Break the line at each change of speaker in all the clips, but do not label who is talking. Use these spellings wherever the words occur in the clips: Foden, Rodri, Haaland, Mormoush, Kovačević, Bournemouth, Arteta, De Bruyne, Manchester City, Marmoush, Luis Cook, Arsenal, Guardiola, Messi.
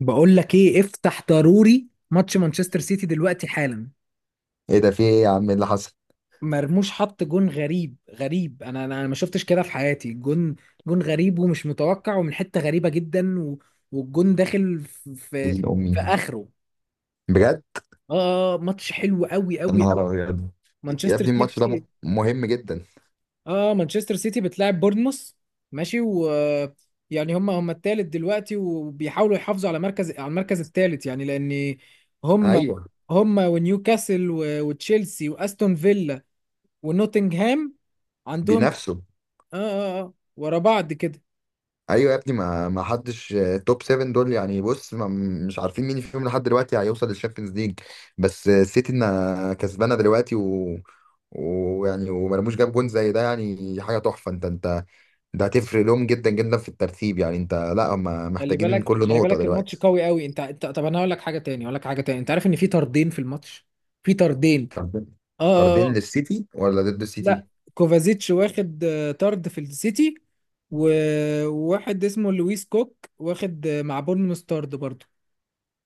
بقول لك ايه، افتح ضروري ماتش مانشستر سيتي دلوقتي حالا.
ايه ده، في ايه يا عم؟ إيه اللي حصل؟
مرموش حط جون غريب غريب. انا انا أنا ما شفتش كده في حياتي. جون جون غريب ومش متوقع ومن حتة غريبة جدا والجون داخل في
إيه، امي؟
في اخره.
بجد؟
ماتش حلو قوي
يا
قوي قوي.
نهار ابيض. يا
مانشستر
ابني الماتش ده
سيتي.
مهم جدا.
اه، مانشستر سيتي بتلاعب بورنموث. ماشي. و يعني هم التالت دلوقتي وبيحاولوا يحافظوا على المركز التالت، يعني لان هم.
ايوه.
هم ونيوكاسل وتشيلسي واستون فيلا ونوتنغهام عندهم.
بنفسه.
اه ورا بعض كده.
ايوه يا ابني، ما حدش، توب 7 دول يعني. بص ما مش عارفين مين فيهم لحد دلوقتي هيوصل للشامبيونز ليج. بس السيتي إنها كسبانه دلوقتي، و ويعني ومرموش جاب جون زي ده يعني، حاجه تحفه. انت ده هتفرق لهم جدا جدا في الترتيب يعني. انت، لا، هم
خلي
محتاجين
بالك،
كل
خلي
نقطه
بالك الماتش
دلوقتي.
قوي قوي. انت طب، انا هقول لك حاجه تاني. هقول لك حاجه تاني، انت عارف ان في طردين في الماتش؟ في طردين.
طردين؟
اه
طردين
اه آه.
للسيتي ولا ضد
لا،
السيتي؟
كوفازيتش واخد طرد في السيتي. وواحد اسمه لويس كوك واخد مع بورنموث طرد برضه.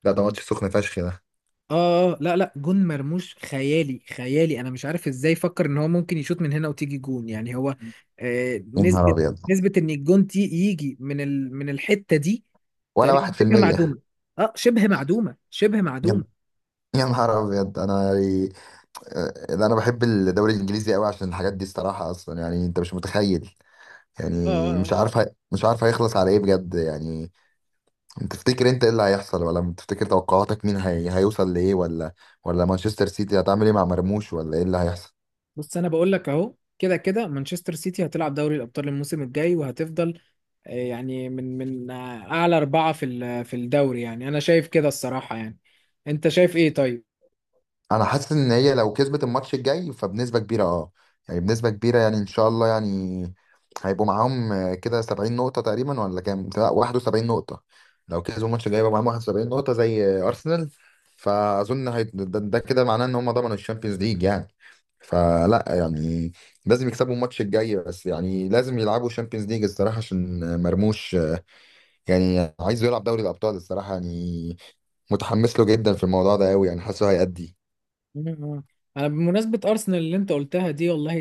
لا، ده ماتش سخن فشخ ده.
لا لا، جون مرموش خيالي خيالي. انا مش عارف ازاي فكر ان هو ممكن يشوط من هنا وتيجي جون، يعني هو.
يا نهار
نسبة.
ابيض.
نسبة ان الجون تي يجي من من الحتة دي
ولا
تقريبا
واحد في
شبه
المية.
معدومة. اه، شبه معدومة، شبه معدومة.
يا يا نهار ابيض. انا يعني، انا بحب الدوري الانجليزي قوي عشان الحاجات دي الصراحه، اصلا يعني انت مش متخيل.
اه
يعني
اه اه
مش عارف هيخلص على ايه بجد يعني. انت تفتكر، انت ايه اللي هيحصل؟ ولا تفتكر توقعاتك مين هيوصل لايه؟ ولا مانشستر سيتي هتعمل ايه مع مرموش؟ ولا ايه اللي هيحصل؟
بص، انا بقول لك اهو، كده كده مانشستر سيتي هتلعب دوري الابطال الموسم الجاي، وهتفضل يعني من اعلى اربعه في في الدوري، يعني انا شايف كده الصراحه يعني. انت شايف ايه طيب؟
انا حاسس ان هي لو كسبت الماتش الجاي فبنسبه كبيره، اه. يعني بنسبه كبيره، يعني ان شاء الله يعني. هيبقوا معاهم كده 70 نقطه تقريبا، ولا كام، لا 71 نقطه. لو كسبوا الماتش الجاي يبقى معاهم 71 نقطه زي ارسنال. فاظن ده كده معناه ان هم ضمنوا الشامبيونز ليج يعني. فلا يعني لازم يكسبوا الماتش الجاي بس يعني. لازم يلعبوا الشامبيونز ليج الصراحه عشان مرموش يعني عايزه يلعب دوري الابطال الصراحه يعني. متحمس له جدا في الموضوع ده قوي يعني، حاسه هيأدي.
مم. انا بمناسبه ارسنال اللي انت قلتها دي، والله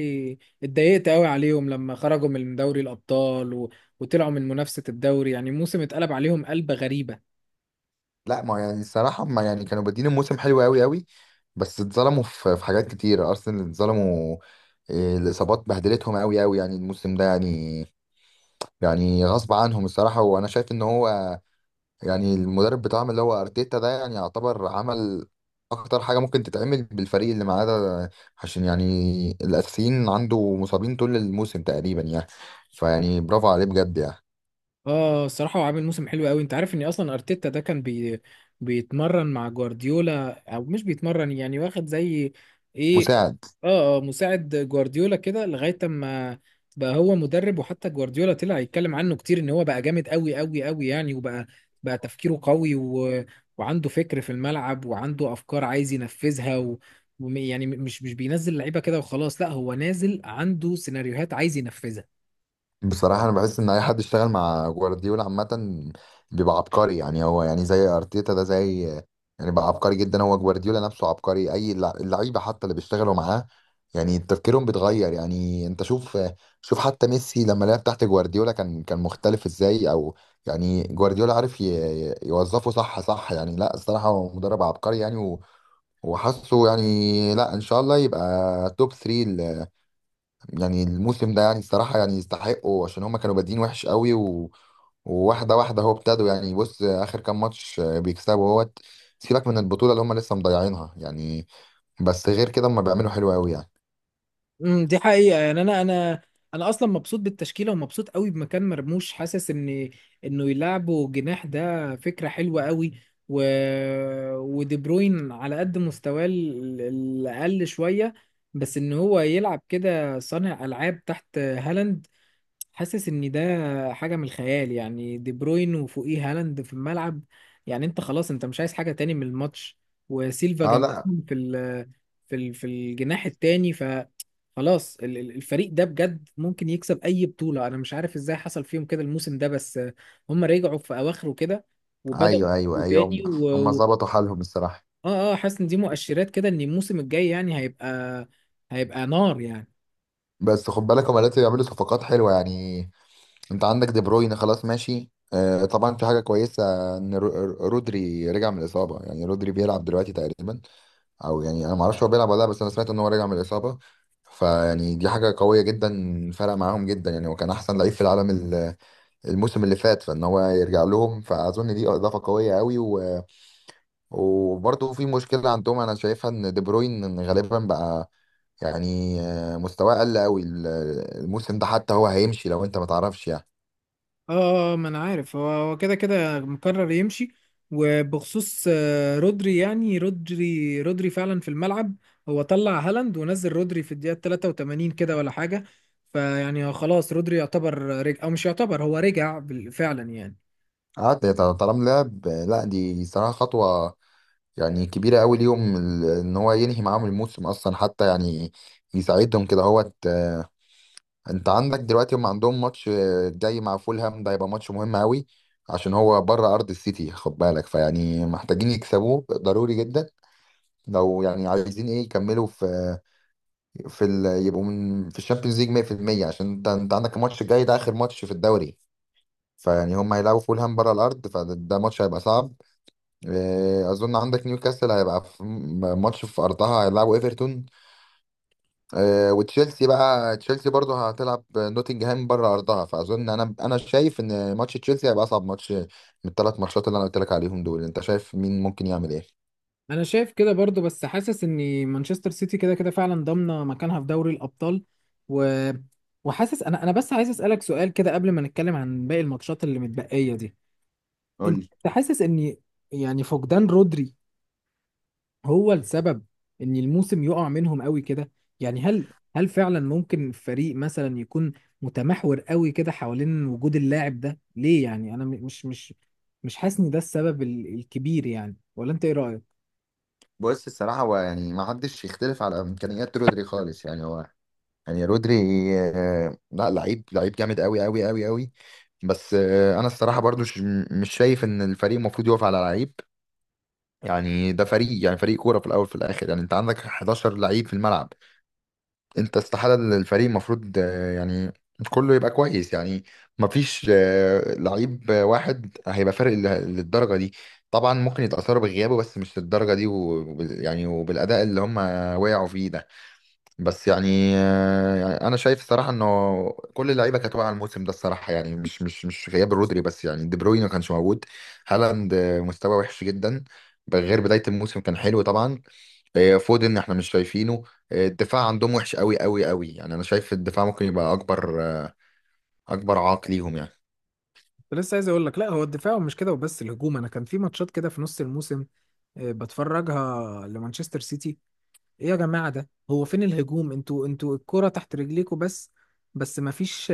اتضايقت قوي عليهم لما خرجوا من دوري الابطال وطلعوا من منافسه الدوري، يعني موسم اتقلب عليهم قلبه غريبه.
لا، ما يعني الصراحة، ما يعني كانوا بادين الموسم حلو قوي قوي. بس اتظلموا في حاجات كتير، أرسنال اتظلموا. إيه، الإصابات بهدلتهم قوي قوي يعني الموسم ده يعني. يعني غصب عنهم الصراحة. وأنا شايف إن هو يعني المدرب بتاعهم اللي هو أرتيتا ده يعني يعتبر عمل أكتر حاجة ممكن تتعمل بالفريق اللي معاه ده، عشان يعني الأساسيين عنده مصابين طول الموسم تقريبا يعني. فيعني برافو عليه بجد يعني.
اه، الصراحة هو عامل موسم حلو قوي. انت عارف ان اصلا ارتيتا ده كان بيتمرن مع جوارديولا، او مش بيتمرن يعني، واخد زي ايه؟
مساعد.
اه مساعد جوارديولا كده لغاية اما بقى هو مدرب. وحتى جوارديولا طلع يتكلم عنه كتير ان هو بقى جامد قوي قوي قوي، يعني وبقى. بقى تفكيره قوي وعنده فكر في الملعب، وعنده افكار عايز ينفذها يعني مش بينزل لعيبة كده وخلاص، لا هو نازل عنده سيناريوهات عايز ينفذها.
بصراحة أنا بحس إن أي حد اشتغل مع جوارديولا عامة بيبقى عبقري يعني. هو يعني زي أرتيتا ده، زي يعني، بقى عبقري جدا. هو جوارديولا نفسه عبقري. أي اللعيبة حتى اللي بيشتغلوا معاه يعني تفكيرهم بيتغير يعني. أنت شوف، شوف حتى ميسي لما لعب تحت جوارديولا كان مختلف إزاي. أو يعني جوارديولا عارف يوظفه صح صح يعني. لا الصراحة هو مدرب عبقري يعني وحاسه يعني، لا إن شاء الله يبقى توب 3 يعني الموسم ده يعني. الصراحة يعني يستحقوا، عشان هما كانوا بادئين وحش قوي. و... وواحدة واحدة هو ابتدوا يعني. بص آخر كام ماتش بيكسبوا اهوت. سيبك من البطولة اللي هما لسه مضيعينها يعني. بس غير كده هما بيعملوا حلو قوي يعني.
امم، دي حقيقة يعني. انا اصلا مبسوط بالتشكيلة، ومبسوط قوي بمكان مرموش. حاسس ان انه يلعبه جناح ده فكرة حلوة قوي. و... ودي بروين على قد مستواه الاقل شوية، بس ان هو يلعب كده صانع العاب تحت هالاند، حاسس ان ده حاجه من الخيال. يعني دي بروين وفوقيه هالاند في الملعب، يعني انت خلاص انت مش عايز حاجه تاني من الماتش. وسيلفا
اه، لا.
جنبهم في ال في ال في الجناح التاني. خلاص الفريق ده بجد ممكن يكسب اي بطوله. انا مش عارف ازاي حصل فيهم كده الموسم ده، بس هم رجعوا في اواخره كده، وبداوا
ايوه ايوه
يفوقوا
ايوه،
تاني
هم
و...
هم
و...
ظبطوا حالهم الصراحة.
اه اه حاسس ان دي مؤشرات كده ان الموسم الجاي يعني هيبقى. هيبقى نار يعني.
بس خد بالك هما لسه بيعملوا صفقات حلوة يعني. انت عندك دي بروين، خلاص ماشي، آه، طبعا في حاجة كويسة ان رودري رجع من الإصابة يعني. رودري بيلعب دلوقتي تقريبا، او يعني انا ما اعرفش هو بيلعب ولا لا، بس انا سمعت ان هو راجع من الاصابه. فيعني دي حاجه قويه جدا، فرق معاهم جدا يعني. هو كان احسن لعيب في العالم الموسم اللي فات، فان هو يرجع لهم فاظن دي اضافه قويه قوي. و... وبرضه في مشكله عندهم انا شايفها، ان دي بروين غالبا بقى يعني مستواه قل قوي الموسم ده، حتى هو هيمشي لو انت ما تعرفش يعني.
ما انا عارف، هو كده كده مقرر يمشي. وبخصوص رودري، يعني رودري فعلا في الملعب. هو طلع هالاند ونزل رودري في الدقيقة 83 كده ولا حاجة. فيعني خلاص رودري يعتبر رجع، او مش يعتبر، هو رجع فعلا يعني.
قعد. طالما لعب، لا دي صراحه خطوه يعني كبيرة أوي ليهم إن هو ينهي معاهم الموسم أصلا حتى يعني يساعدهم كده هو. أنت عندك دلوقتي هم عندهم ماتش جاي مع فولهام. ده هيبقى ماتش مهم أوي عشان هو بره أرض السيتي، خد بالك. فيعني محتاجين يكسبوه ضروري جدا، لو يعني عايزين إيه يكملوا في يبقوا في الشامبيونز ليج 100%، عشان أنت عندك الماتش الجاي ده آخر ماتش في الدوري. فيعني هم هيلعبوا فولهام بره الأرض، فده ماتش هيبقى صعب. اظن عندك نيوكاسل هيبقى في ماتش في ارضها، هيلعبوا ايفرتون. وتشيلسي بقى، تشيلسي برضه هتلعب نوتنجهام بره ارضها، فاظن انا شايف ان ماتش تشيلسي هيبقى اصعب ماتش من الثلاث ماتشات اللي انا قلت لك عليهم دول. انت شايف مين ممكن يعمل ايه؟
انا شايف كده برضو، بس حاسس ان مانشستر سيتي كده كده فعلا ضامنة مكانها في دوري الابطال. و وحاسس. انا بس عايز اسالك سؤال كده قبل ما نتكلم عن باقي الماتشات اللي متبقية دي.
قول
انت
لي.
حاسس ان يعني فقدان رودري هو السبب ان الموسم يقع منهم قوي كده؟ يعني هل، هل فعلا ممكن فريق مثلا يكون متمحور قوي كده حوالين وجود اللاعب ده ليه؟ يعني انا مش حاسس ان ده السبب الكبير يعني، ولا انت ايه رأيك؟
بص الصراحه هو يعني ما حدش يختلف على امكانيات رودري خالص يعني. هو يعني رودري لا، لعيب، لعيب جامد قوي قوي قوي قوي. بس انا الصراحه برضو مش شايف ان الفريق المفروض يقف على لعيب. يعني ده فريق، يعني فريق كوره في الاول في الاخر يعني. انت عندك 11 لعيب في الملعب. انت استحاله الفريق المفروض يعني كله يبقى كويس يعني. مفيش لعيب واحد هيبقى فارق للدرجه دي. طبعا ممكن يتاثروا بغيابه بس مش للدرجه دي، ويعني وبالاداء اللي هم وقعوا فيه ده. بس يعني يعني انا شايف الصراحه انه كل اللعيبه كانت واقعه الموسم ده الصراحه يعني، مش غياب رودري بس يعني. دي بروين ما كانش موجود. هالاند مستواه وحش جدا، غير بدايه الموسم كان حلو طبعا. فودن احنا مش شايفينه. الدفاع عندهم وحش قوي قوي قوي يعني. انا شايف الدفاع ممكن يبقى اكبر اكبر عائق ليهم يعني.
كنت لسه عايز اقول لك، لا هو الدفاع ومش كده وبس، الهجوم. انا كان في ماتشات كده في نص الموسم بتفرجها لمانشستر سيتي، ايه يا جماعة ده، هو فين الهجوم؟ انتوا الكرة تحت رجليكوا بس، بس مفيش.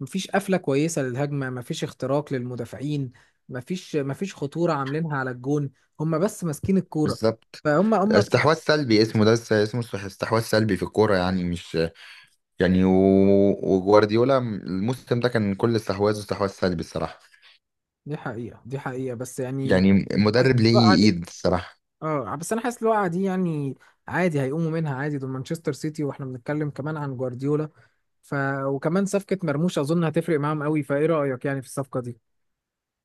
مفيش قفلة كويسة للهجمة، مفيش اختراق للمدافعين، مفيش خطورة عاملينها على الجون. هم بس ماسكين الكورة.
بالظبط.
فهم.
استحواذ سلبي اسمه ده، اسمه استحواذ سلبي في الكوره يعني. مش يعني، وجوارديولا الموسم ده كان كل استحواذه استحواذ سلبي الصراحه.
دي حقيقة، دي حقيقة، بس يعني
يعني
حاسس
مدرب
الوقعة
ليه
دي.
ايد الصراحة.
اه بس انا حاسس الوقعة دي يعني عادي هيقوموا منها عادي، دول مانشستر سيتي، واحنا بنتكلم كمان عن جوارديولا. ف وكمان صفقة مرموش اظن هتفرق معاهم قوي، فايه رأيك يعني في الصفقة دي؟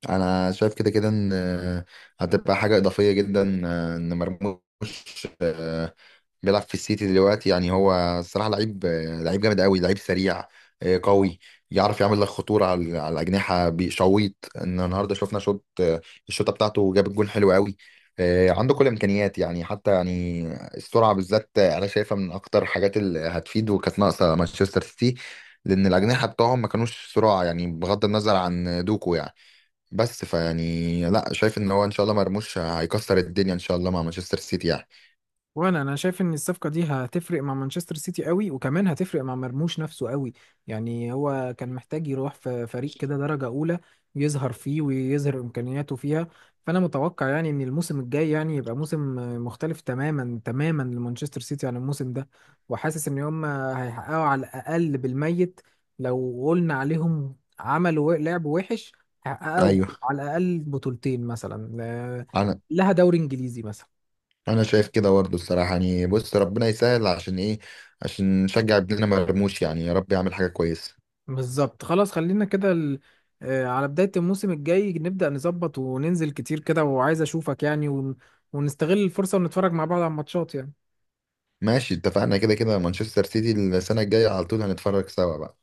انا شايف كده كده ان هتبقى حاجه اضافيه جدا ان مرموش آه، بيلعب في السيتي دلوقتي يعني. هو الصراحه لعيب، لعيب جامد قوي، لعيب سريع قوي. يعرف يعمل لك خطوره على الاجنحه، بيشويط ان النهارده شفنا شوط الشوطه بتاعته جاب الجون حلو قوي. عنده كل الامكانيات يعني. حتى يعني السرعه بالذات انا شايفها من اكتر الحاجات اللي هتفيد وكانت ناقصه مانشستر سيتي، لان الاجنحه بتوعهم ما كانوش سرعه يعني، بغض النظر عن دوكو يعني. بس فيعني لا، شايف ان هو ان شاء الله مرموش هيكسر الدنيا ان شاء الله مع مانشستر سيتي يعني.
وانا شايف ان الصفقه دي هتفرق مع مانشستر سيتي قوي، وكمان هتفرق مع مرموش نفسه قوي. يعني هو كان محتاج يروح في فريق كده درجه اولى يظهر فيه ويظهر امكانياته فيها. فانا متوقع يعني ان الموسم الجاي يعني يبقى موسم مختلف تماما تماما لمانشستر سيتي عن الموسم ده. وحاسس ان هم هيحققوا على الاقل بالميت، لو قلنا عليهم عملوا لعب وحش، هيحققوا
ايوه.
على الاقل بطولتين مثلا،
انا
لها دوري انجليزي مثلا.
انا شايف كده برضه الصراحه يعني. بص ربنا يسهل عشان ايه؟ عشان نشجع ابننا مرموش يعني، يا رب يعمل حاجه كويسه.
بالظبط، خلاص خلينا كده ال... آه، على بداية الموسم الجاي نبدأ نظبط وننزل كتير كده، وعايز أشوفك يعني، ونستغل الفرصة ونتفرج مع بعض على الماتشات يعني.
ماشي، اتفقنا. كده كده مانشستر سيتي السنه الجايه على طول هنتفرج سوا بقى.